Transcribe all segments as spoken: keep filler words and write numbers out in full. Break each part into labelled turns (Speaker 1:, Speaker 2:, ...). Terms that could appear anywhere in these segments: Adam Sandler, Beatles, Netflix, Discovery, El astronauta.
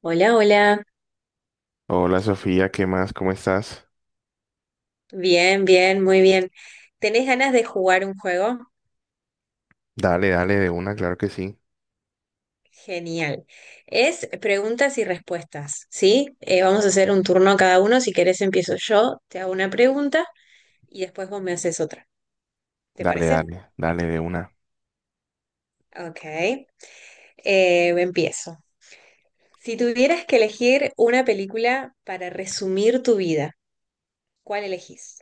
Speaker 1: Hola, hola.
Speaker 2: Hola Sofía, ¿qué más? ¿Cómo estás?
Speaker 1: Bien, bien, muy bien. ¿Tenés ganas de jugar un juego?
Speaker 2: Dale, dale de una, claro que sí.
Speaker 1: Genial. Es preguntas y respuestas, ¿sí? Eh, vamos a hacer un turno cada uno. Si querés empiezo yo, te hago una pregunta y después vos me haces otra. ¿Te
Speaker 2: Dale,
Speaker 1: parece?
Speaker 2: dale, dale de una.
Speaker 1: Ok. Eh, empiezo. Si tuvieras que elegir una película para resumir tu vida, ¿cuál elegís?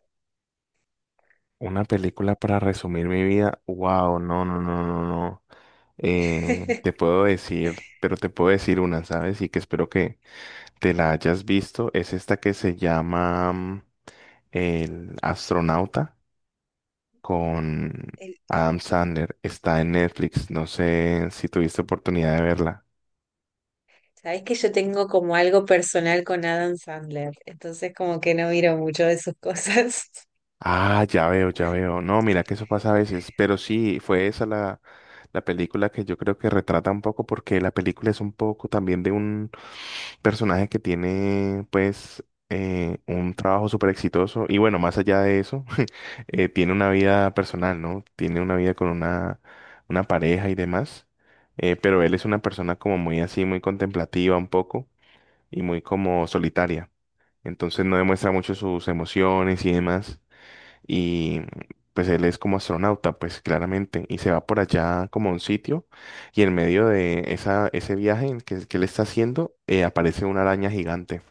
Speaker 2: Una película para resumir mi vida. Wow, no, no, no, no, no. Eh, te puedo decir, pero te puedo decir una, ¿sabes? Y que espero que te la hayas visto. Es esta que se llama mm, El astronauta con
Speaker 1: El-
Speaker 2: Adam Sandler. Está en Netflix. No sé si tuviste oportunidad de verla.
Speaker 1: Sabés que yo tengo como algo personal con Adam Sandler, entonces como que no miro mucho de sus cosas.
Speaker 2: Ah, ya veo, ya veo. No, mira que eso pasa a veces, pero sí, fue esa la, la película que yo creo que retrata un poco porque la película es un poco también de un personaje que tiene pues eh, un trabajo súper exitoso y bueno, más allá de eso, eh, tiene una vida personal, ¿no? Tiene una vida con una, una pareja y demás, eh, pero él es una persona como muy así, muy contemplativa un poco y muy como solitaria. Entonces no demuestra mucho sus emociones y demás y pues él es como astronauta, pues claramente, y se va por allá como a un sitio y en medio de esa, ese viaje en que, que él está haciendo eh, aparece una araña gigante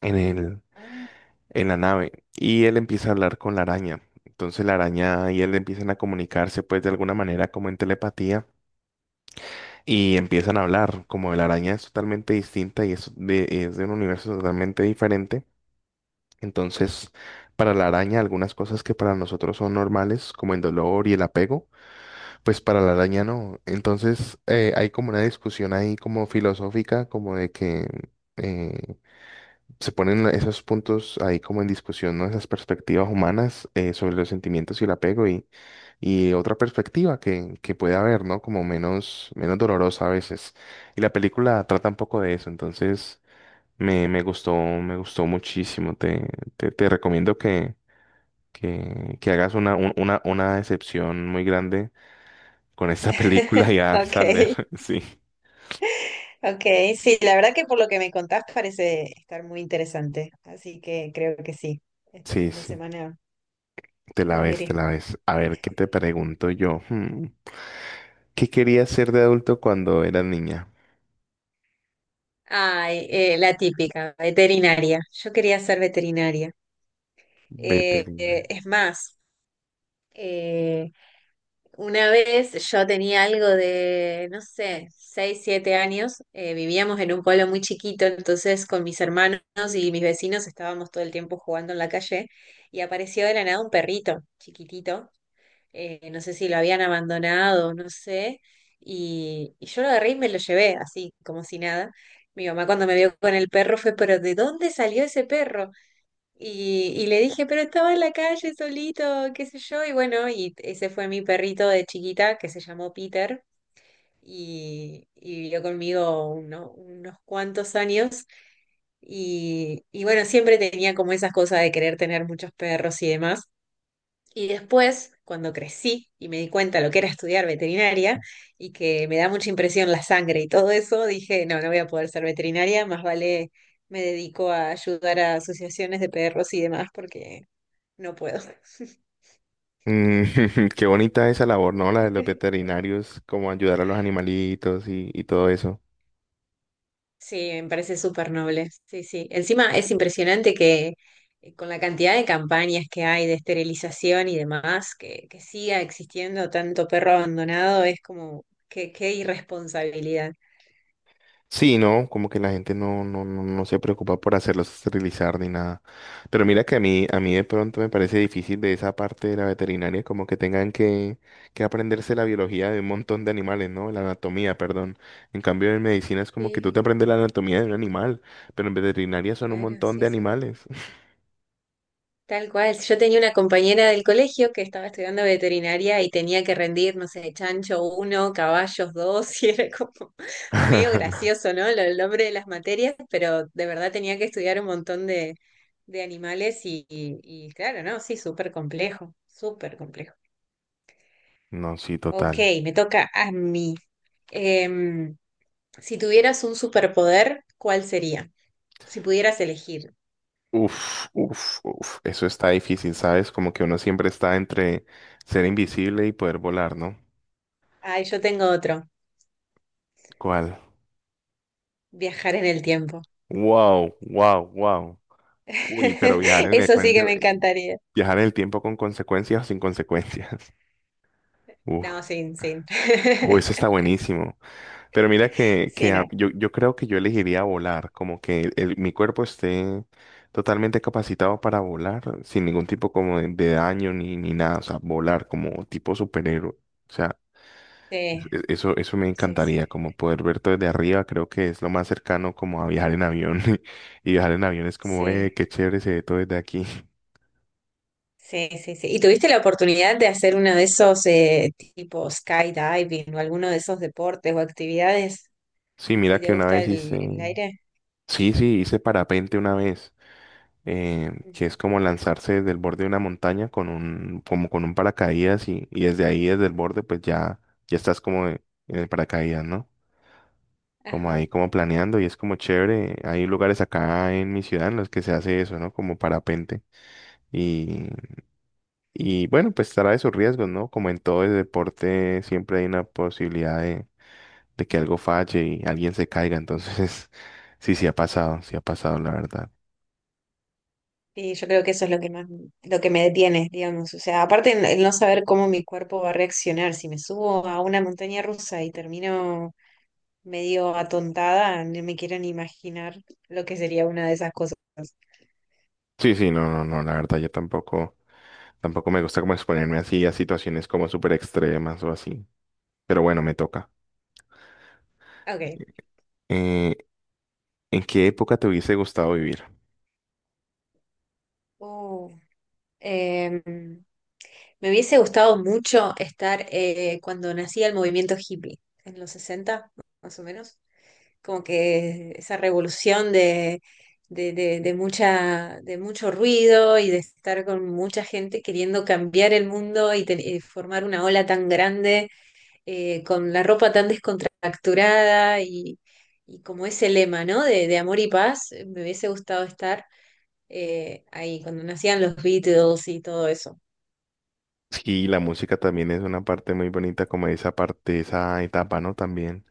Speaker 2: en el,
Speaker 1: Ah,
Speaker 2: en la nave y él empieza a hablar con la araña. Entonces la araña y él empiezan a comunicarse pues de alguna manera como en telepatía y empiezan a hablar, como la araña es totalmente distinta y es de, es de un universo totalmente diferente. Entonces, para la araña, algunas cosas que para nosotros son normales, como el dolor y el apego, pues para la araña no. Entonces eh, hay como una discusión ahí como filosófica, como de que eh, se ponen la- esos puntos ahí como en discusión, ¿no? Esas perspectivas humanas eh, sobre los sentimientos y el apego y, y otra perspectiva que, que puede haber, ¿no? Como menos, menos dolorosa a veces. Y la película trata un poco de eso, entonces me, me gustó, me gustó muchísimo. Te, te, te recomiendo que, que, que hagas una, un- una, una excepción muy grande con esta película y Adam Sandler,
Speaker 1: Okay,
Speaker 2: sí.
Speaker 1: okay, sí, la verdad que por lo que me contás parece estar muy interesante, así que creo que sí, este
Speaker 2: Sí,
Speaker 1: fin de
Speaker 2: sí,
Speaker 1: semana
Speaker 2: te la
Speaker 1: la
Speaker 2: ves, te
Speaker 1: veré.
Speaker 2: la ves. A ver, ¿qué te pregunto yo? Hmm, ¿Qué querías ser de adulto cuando eras niña?
Speaker 1: Ay, eh, la típica, veterinaria. Yo quería ser veterinaria. Eh, eh,
Speaker 2: Veterinario.
Speaker 1: es más, eh, una vez yo tenía algo de, no sé, seis siete años, eh, vivíamos en un pueblo muy chiquito, entonces con mis hermanos y mis vecinos estábamos todo el tiempo jugando en la calle y apareció de la nada un perrito chiquitito, eh, no sé si lo habían abandonado, no sé, y, y yo lo agarré y me lo llevé así, como si nada. Mi mamá cuando me vio con el perro fue, pero ¿de dónde salió ese perro? Y, y le dije, pero estaba en la calle solito, qué sé yo. Y bueno, y ese fue mi perrito de chiquita que se llamó Peter y, y vivió conmigo uno- unos cuantos años. Y, y bueno, siempre tenía como esas cosas de querer tener muchos perros y demás. Y después, cuando crecí y me di cuenta lo que era estudiar veterinaria y que me da mucha impresión la sangre y todo eso, dije, no, no voy a poder ser veterinaria, más vale me dedico a ayudar a asociaciones de perros y demás porque no puedo.
Speaker 2: Mm, qué bonita esa labor, ¿no? La de los veterinarios, como ayudar a los animalitos y, y todo eso.
Speaker 1: Sí, me parece súper noble. Sí, sí. Encima es impresionante que eh, con la cantidad de campañas que hay de esterilización y demás, que, que siga existiendo tanto perro abandonado, es como qué, qué irresponsabilidad.
Speaker 2: Sí, no, como que la gente no, no, no, no se preocupa por hacerlos esterilizar ni nada. Pero mira que a mí, a mí de pronto me parece difícil de esa parte de la veterinaria, como que tengan que, que aprenderse la biología de un montón de animales, ¿no? La anatomía, perdón. En cambio, en medicina es como que tú
Speaker 1: Sí,
Speaker 2: te aprendes la anatomía de un animal, pero en veterinaria son un
Speaker 1: claro,
Speaker 2: montón de
Speaker 1: sí, sí.
Speaker 2: animales.
Speaker 1: Tal cual. Yo tenía una compañera del colegio que estaba estudiando veterinaria y tenía que rendir, no sé, chancho uno, caballos dos, y era como medio gracioso, ¿no? Lo- El nombre de las materias, pero de verdad tenía que estudiar un montón de, de animales y, y- y claro, ¿no? Sí, súper complejo, súper complejo.
Speaker 2: No, sí,
Speaker 1: Ok,
Speaker 2: total.
Speaker 1: me toca a mí. Em, si tuvieras un superpoder, ¿cuál sería? Si pudieras elegir.
Speaker 2: Uf, uf, uf. Eso está difícil, ¿sabes? Como que uno siempre está entre ser invisible y poder volar, ¿no?
Speaker 1: Ay, yo tengo otro,
Speaker 2: ¿Cuál?
Speaker 1: viajar en el tiempo.
Speaker 2: Wow, wow, wow. Uy, pero viajar en el,
Speaker 1: Eso sí
Speaker 2: cuen-
Speaker 1: que me encantaría.
Speaker 2: viajar en el tiempo con consecuencias o sin consecuencias. Uf.
Speaker 1: No, sin, sin.
Speaker 2: Uy, eso está buenísimo. Pero mira que,
Speaker 1: Sí,
Speaker 2: que a-
Speaker 1: no.
Speaker 2: yo, yo creo que yo elegiría volar, como que el- mi cuerpo esté totalmente capacitado para volar, sin ningún tipo como de, de daño ni, ni nada. O sea, volar como tipo superhéroe. O sea,
Speaker 1: Sí,
Speaker 2: es- es- eso, eso me
Speaker 1: sí,
Speaker 2: encantaría,
Speaker 1: sí.
Speaker 2: como poder ver todo desde arriba, creo que es lo más cercano como a viajar en avión. Y viajar en avión es como,
Speaker 1: Sí,
Speaker 2: eh, qué chévere se ve todo desde aquí.
Speaker 1: sí, sí, sí. ¿Y tuviste la oportunidad de hacer uno de esos eh, tipo skydiving o alguno de esos deportes o actividades?
Speaker 2: Sí,
Speaker 1: Si
Speaker 2: mira
Speaker 1: te
Speaker 2: que una
Speaker 1: gusta
Speaker 2: vez hice,
Speaker 1: el, el aire.
Speaker 2: sí, sí, hice parapente una vez, eh, que
Speaker 1: Ujú.
Speaker 2: es como lanzarse desde el borde de una montaña con un, como con un paracaídas y, y desde ahí, desde el borde, pues ya, ya estás como en el paracaídas, ¿no? Como
Speaker 1: Ajá.
Speaker 2: ahí, como planeando y es como chévere. Hay lugares acá en mi ciudad en los que se hace eso, ¿no? Como parapente. Y, y bueno, pues trae sus riesgos, ¿no? Como en todo el deporte, siempre hay una posibilidad de que algo falle y alguien se caiga. Entonces, sí, sí ha pasado, sí ha pasado, la verdad.
Speaker 1: Y yo creo que eso es lo que más, lo que me detiene, digamos. O sea, aparte el el no saber cómo mi cuerpo va a reaccionar, si me subo a una montaña rusa y termino medio atontada, no me quiero ni imaginar lo que sería una de esas cosas.
Speaker 2: Sí, sí, no, no, no, la verdad, yo tampoco, tampoco me gusta como exponerme así a situaciones como súper extremas o así. Pero bueno, me toca.
Speaker 1: Ok.
Speaker 2: Eh, ¿en qué época te hubiese gustado vivir?
Speaker 1: Uh, em, me hubiese gustado mucho estar eh, cuando nacía el movimiento hippie, en los sesenta, más o menos. Como que esa revolución de, de, de, de mucha, de mucho ruido y de estar con mucha gente queriendo cambiar el mundo y, ten- y formar una ola tan grande eh, con la ropa tan descontracturada y, y como ese lema, ¿no? De, de amor y paz, eh, me hubiese gustado estar eh, ahí, cuando nacían los Beatles y todo eso.
Speaker 2: Sí, la música también es una parte muy bonita, como esa parte, esa etapa, ¿no? También.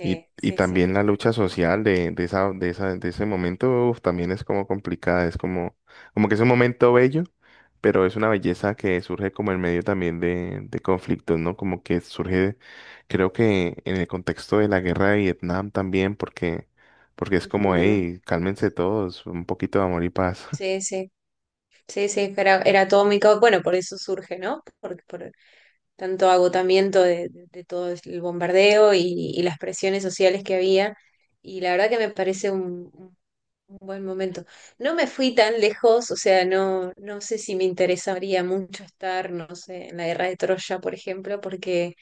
Speaker 2: Y, y
Speaker 1: sí, sí.
Speaker 2: también la lucha social de, de esa, de esa, de ese momento, uf, también es como complicada, es como, como que es un momento bello, pero es una belleza que surge como en medio también de, de conflictos, ¿no? Como que surge, creo que en el contexto de la guerra de Vietnam también, porque, porque es como,
Speaker 1: Ujú.
Speaker 2: hey, cálmense todos, un poquito de amor y paz.
Speaker 1: Sí, sí, sí, sí, era, era todo mi bueno, por eso surge, ¿no? Por, por tanto agotamiento de, de- de todo el bombardeo y, y las presiones sociales que había. Y la verdad que me parece un, Un buen momento. No me fui tan lejos, o sea, no, no sé si me interesaría mucho estar, no sé, en la guerra de Troya, por ejemplo, porque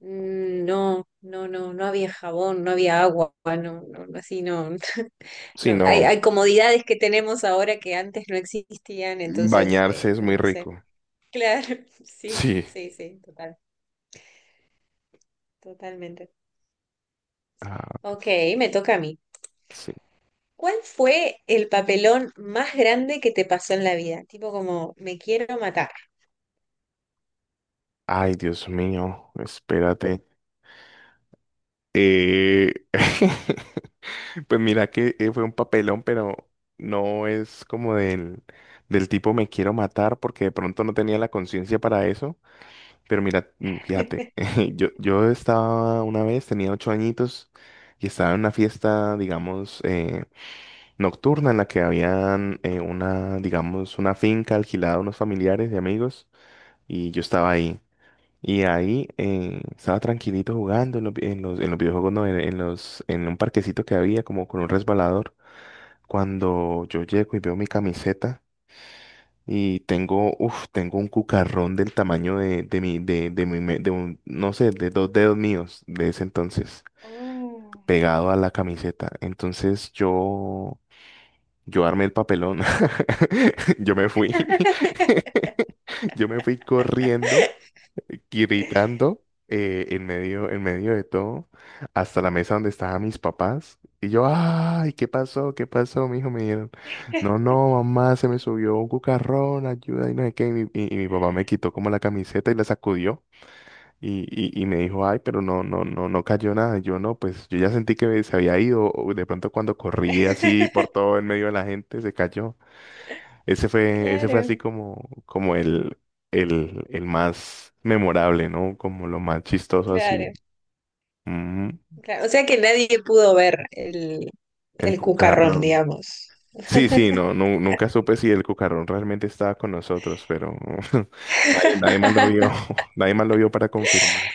Speaker 1: mm, no, no, no, no había jabón, no había agua, no, no, no, así no,
Speaker 2: Sí,
Speaker 1: no. Hay,
Speaker 2: no,
Speaker 1: hay comodidades que tenemos ahora que antes no existían, entonces,
Speaker 2: bañarse
Speaker 1: eh,
Speaker 2: es
Speaker 1: no,
Speaker 2: muy
Speaker 1: no sé.
Speaker 2: rico.
Speaker 1: Claro, sí,
Speaker 2: Sí.
Speaker 1: sí, sí, total, totalmente.
Speaker 2: Ah,
Speaker 1: Ok, me toca a mí.
Speaker 2: sí.
Speaker 1: ¿Cuál fue el papelón más grande que te pasó en la vida? Tipo como, me quiero matar.
Speaker 2: Ay, Dios mío, espérate. Eh... Pues mira que eh, fue un papelón, pero no es como del, del tipo me quiero matar porque de pronto no tenía la conciencia para eso. Pero mira, mm, fíjate, yo, yo estaba una vez, tenía ocho añitos y estaba en una fiesta, digamos, eh, nocturna en la que habían eh, una, digamos, una finca alquilada a unos familiares y amigos y yo estaba ahí. Y ahí eh, estaba tranquilito jugando en los, vi- en los, en los, videojuegos, no, en, en los, en un parquecito que había como con un resbalador cuando yo llego y veo mi camiseta y tengo, uf, tengo un cucarrón del tamaño de, de mi, de, de mi, me- de un, no sé, de dos dedos míos de ese entonces,
Speaker 1: Oh.
Speaker 2: pegado a la camiseta. Entonces yo, yo armé el papelón. Yo me fui. Yo me fui corriendo gritando eh, en medio, en medio de todo, hasta la mesa donde estaban mis papás. Y yo, ay, ¿qué pasó? ¿Qué pasó? Mi hijo me dijeron, no, no, mamá, se me subió un cucarrón, ayuda, y no sé qué. Y mi, y- y mi papá me quitó como la camiseta y la sacudió. Y, y, y me dijo, ay, pero no, no, no, no cayó nada. Y yo no, pues yo ya sentí que se había ido. O de pronto cuando corrí así por todo en medio de la gente, se cayó. Ese fue, ese fue así
Speaker 1: Claro,
Speaker 2: como, como el, el, el más memorable, ¿no? Como lo más chistoso así.
Speaker 1: claro,
Speaker 2: Ujú.
Speaker 1: claro. O sea que nadie pudo ver el,
Speaker 2: El
Speaker 1: el cucarrón,
Speaker 2: cucarrón.
Speaker 1: digamos.
Speaker 2: Sí, sí, no, nu- nunca supe si el cucarrón realmente estaba con nosotros, pero nadie, nadie más lo vio, nadie más lo vio para confirmar.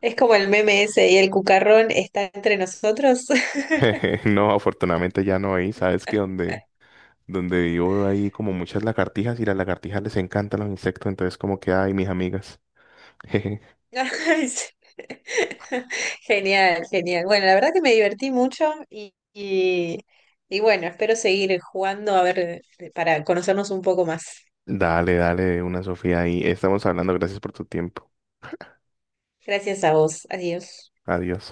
Speaker 1: Es como el meme ese, y el cucarrón está entre nosotros.
Speaker 2: No, afortunadamente ya no hay, sabes que donde, donde vivo hay como muchas lagartijas y las lagartijas les encantan los insectos, entonces como que, ay, mis amigas.
Speaker 1: Ay, sí. Genial, genial. Bueno, la verdad que me divertí mucho y, y, y bueno, espero seguir jugando a ver eh, para conocernos un poco más.
Speaker 2: Dale, dale, una Sofía ahí. Estamos hablando, gracias por tu tiempo.
Speaker 1: Gracias a vos. Adiós.
Speaker 2: Adiós.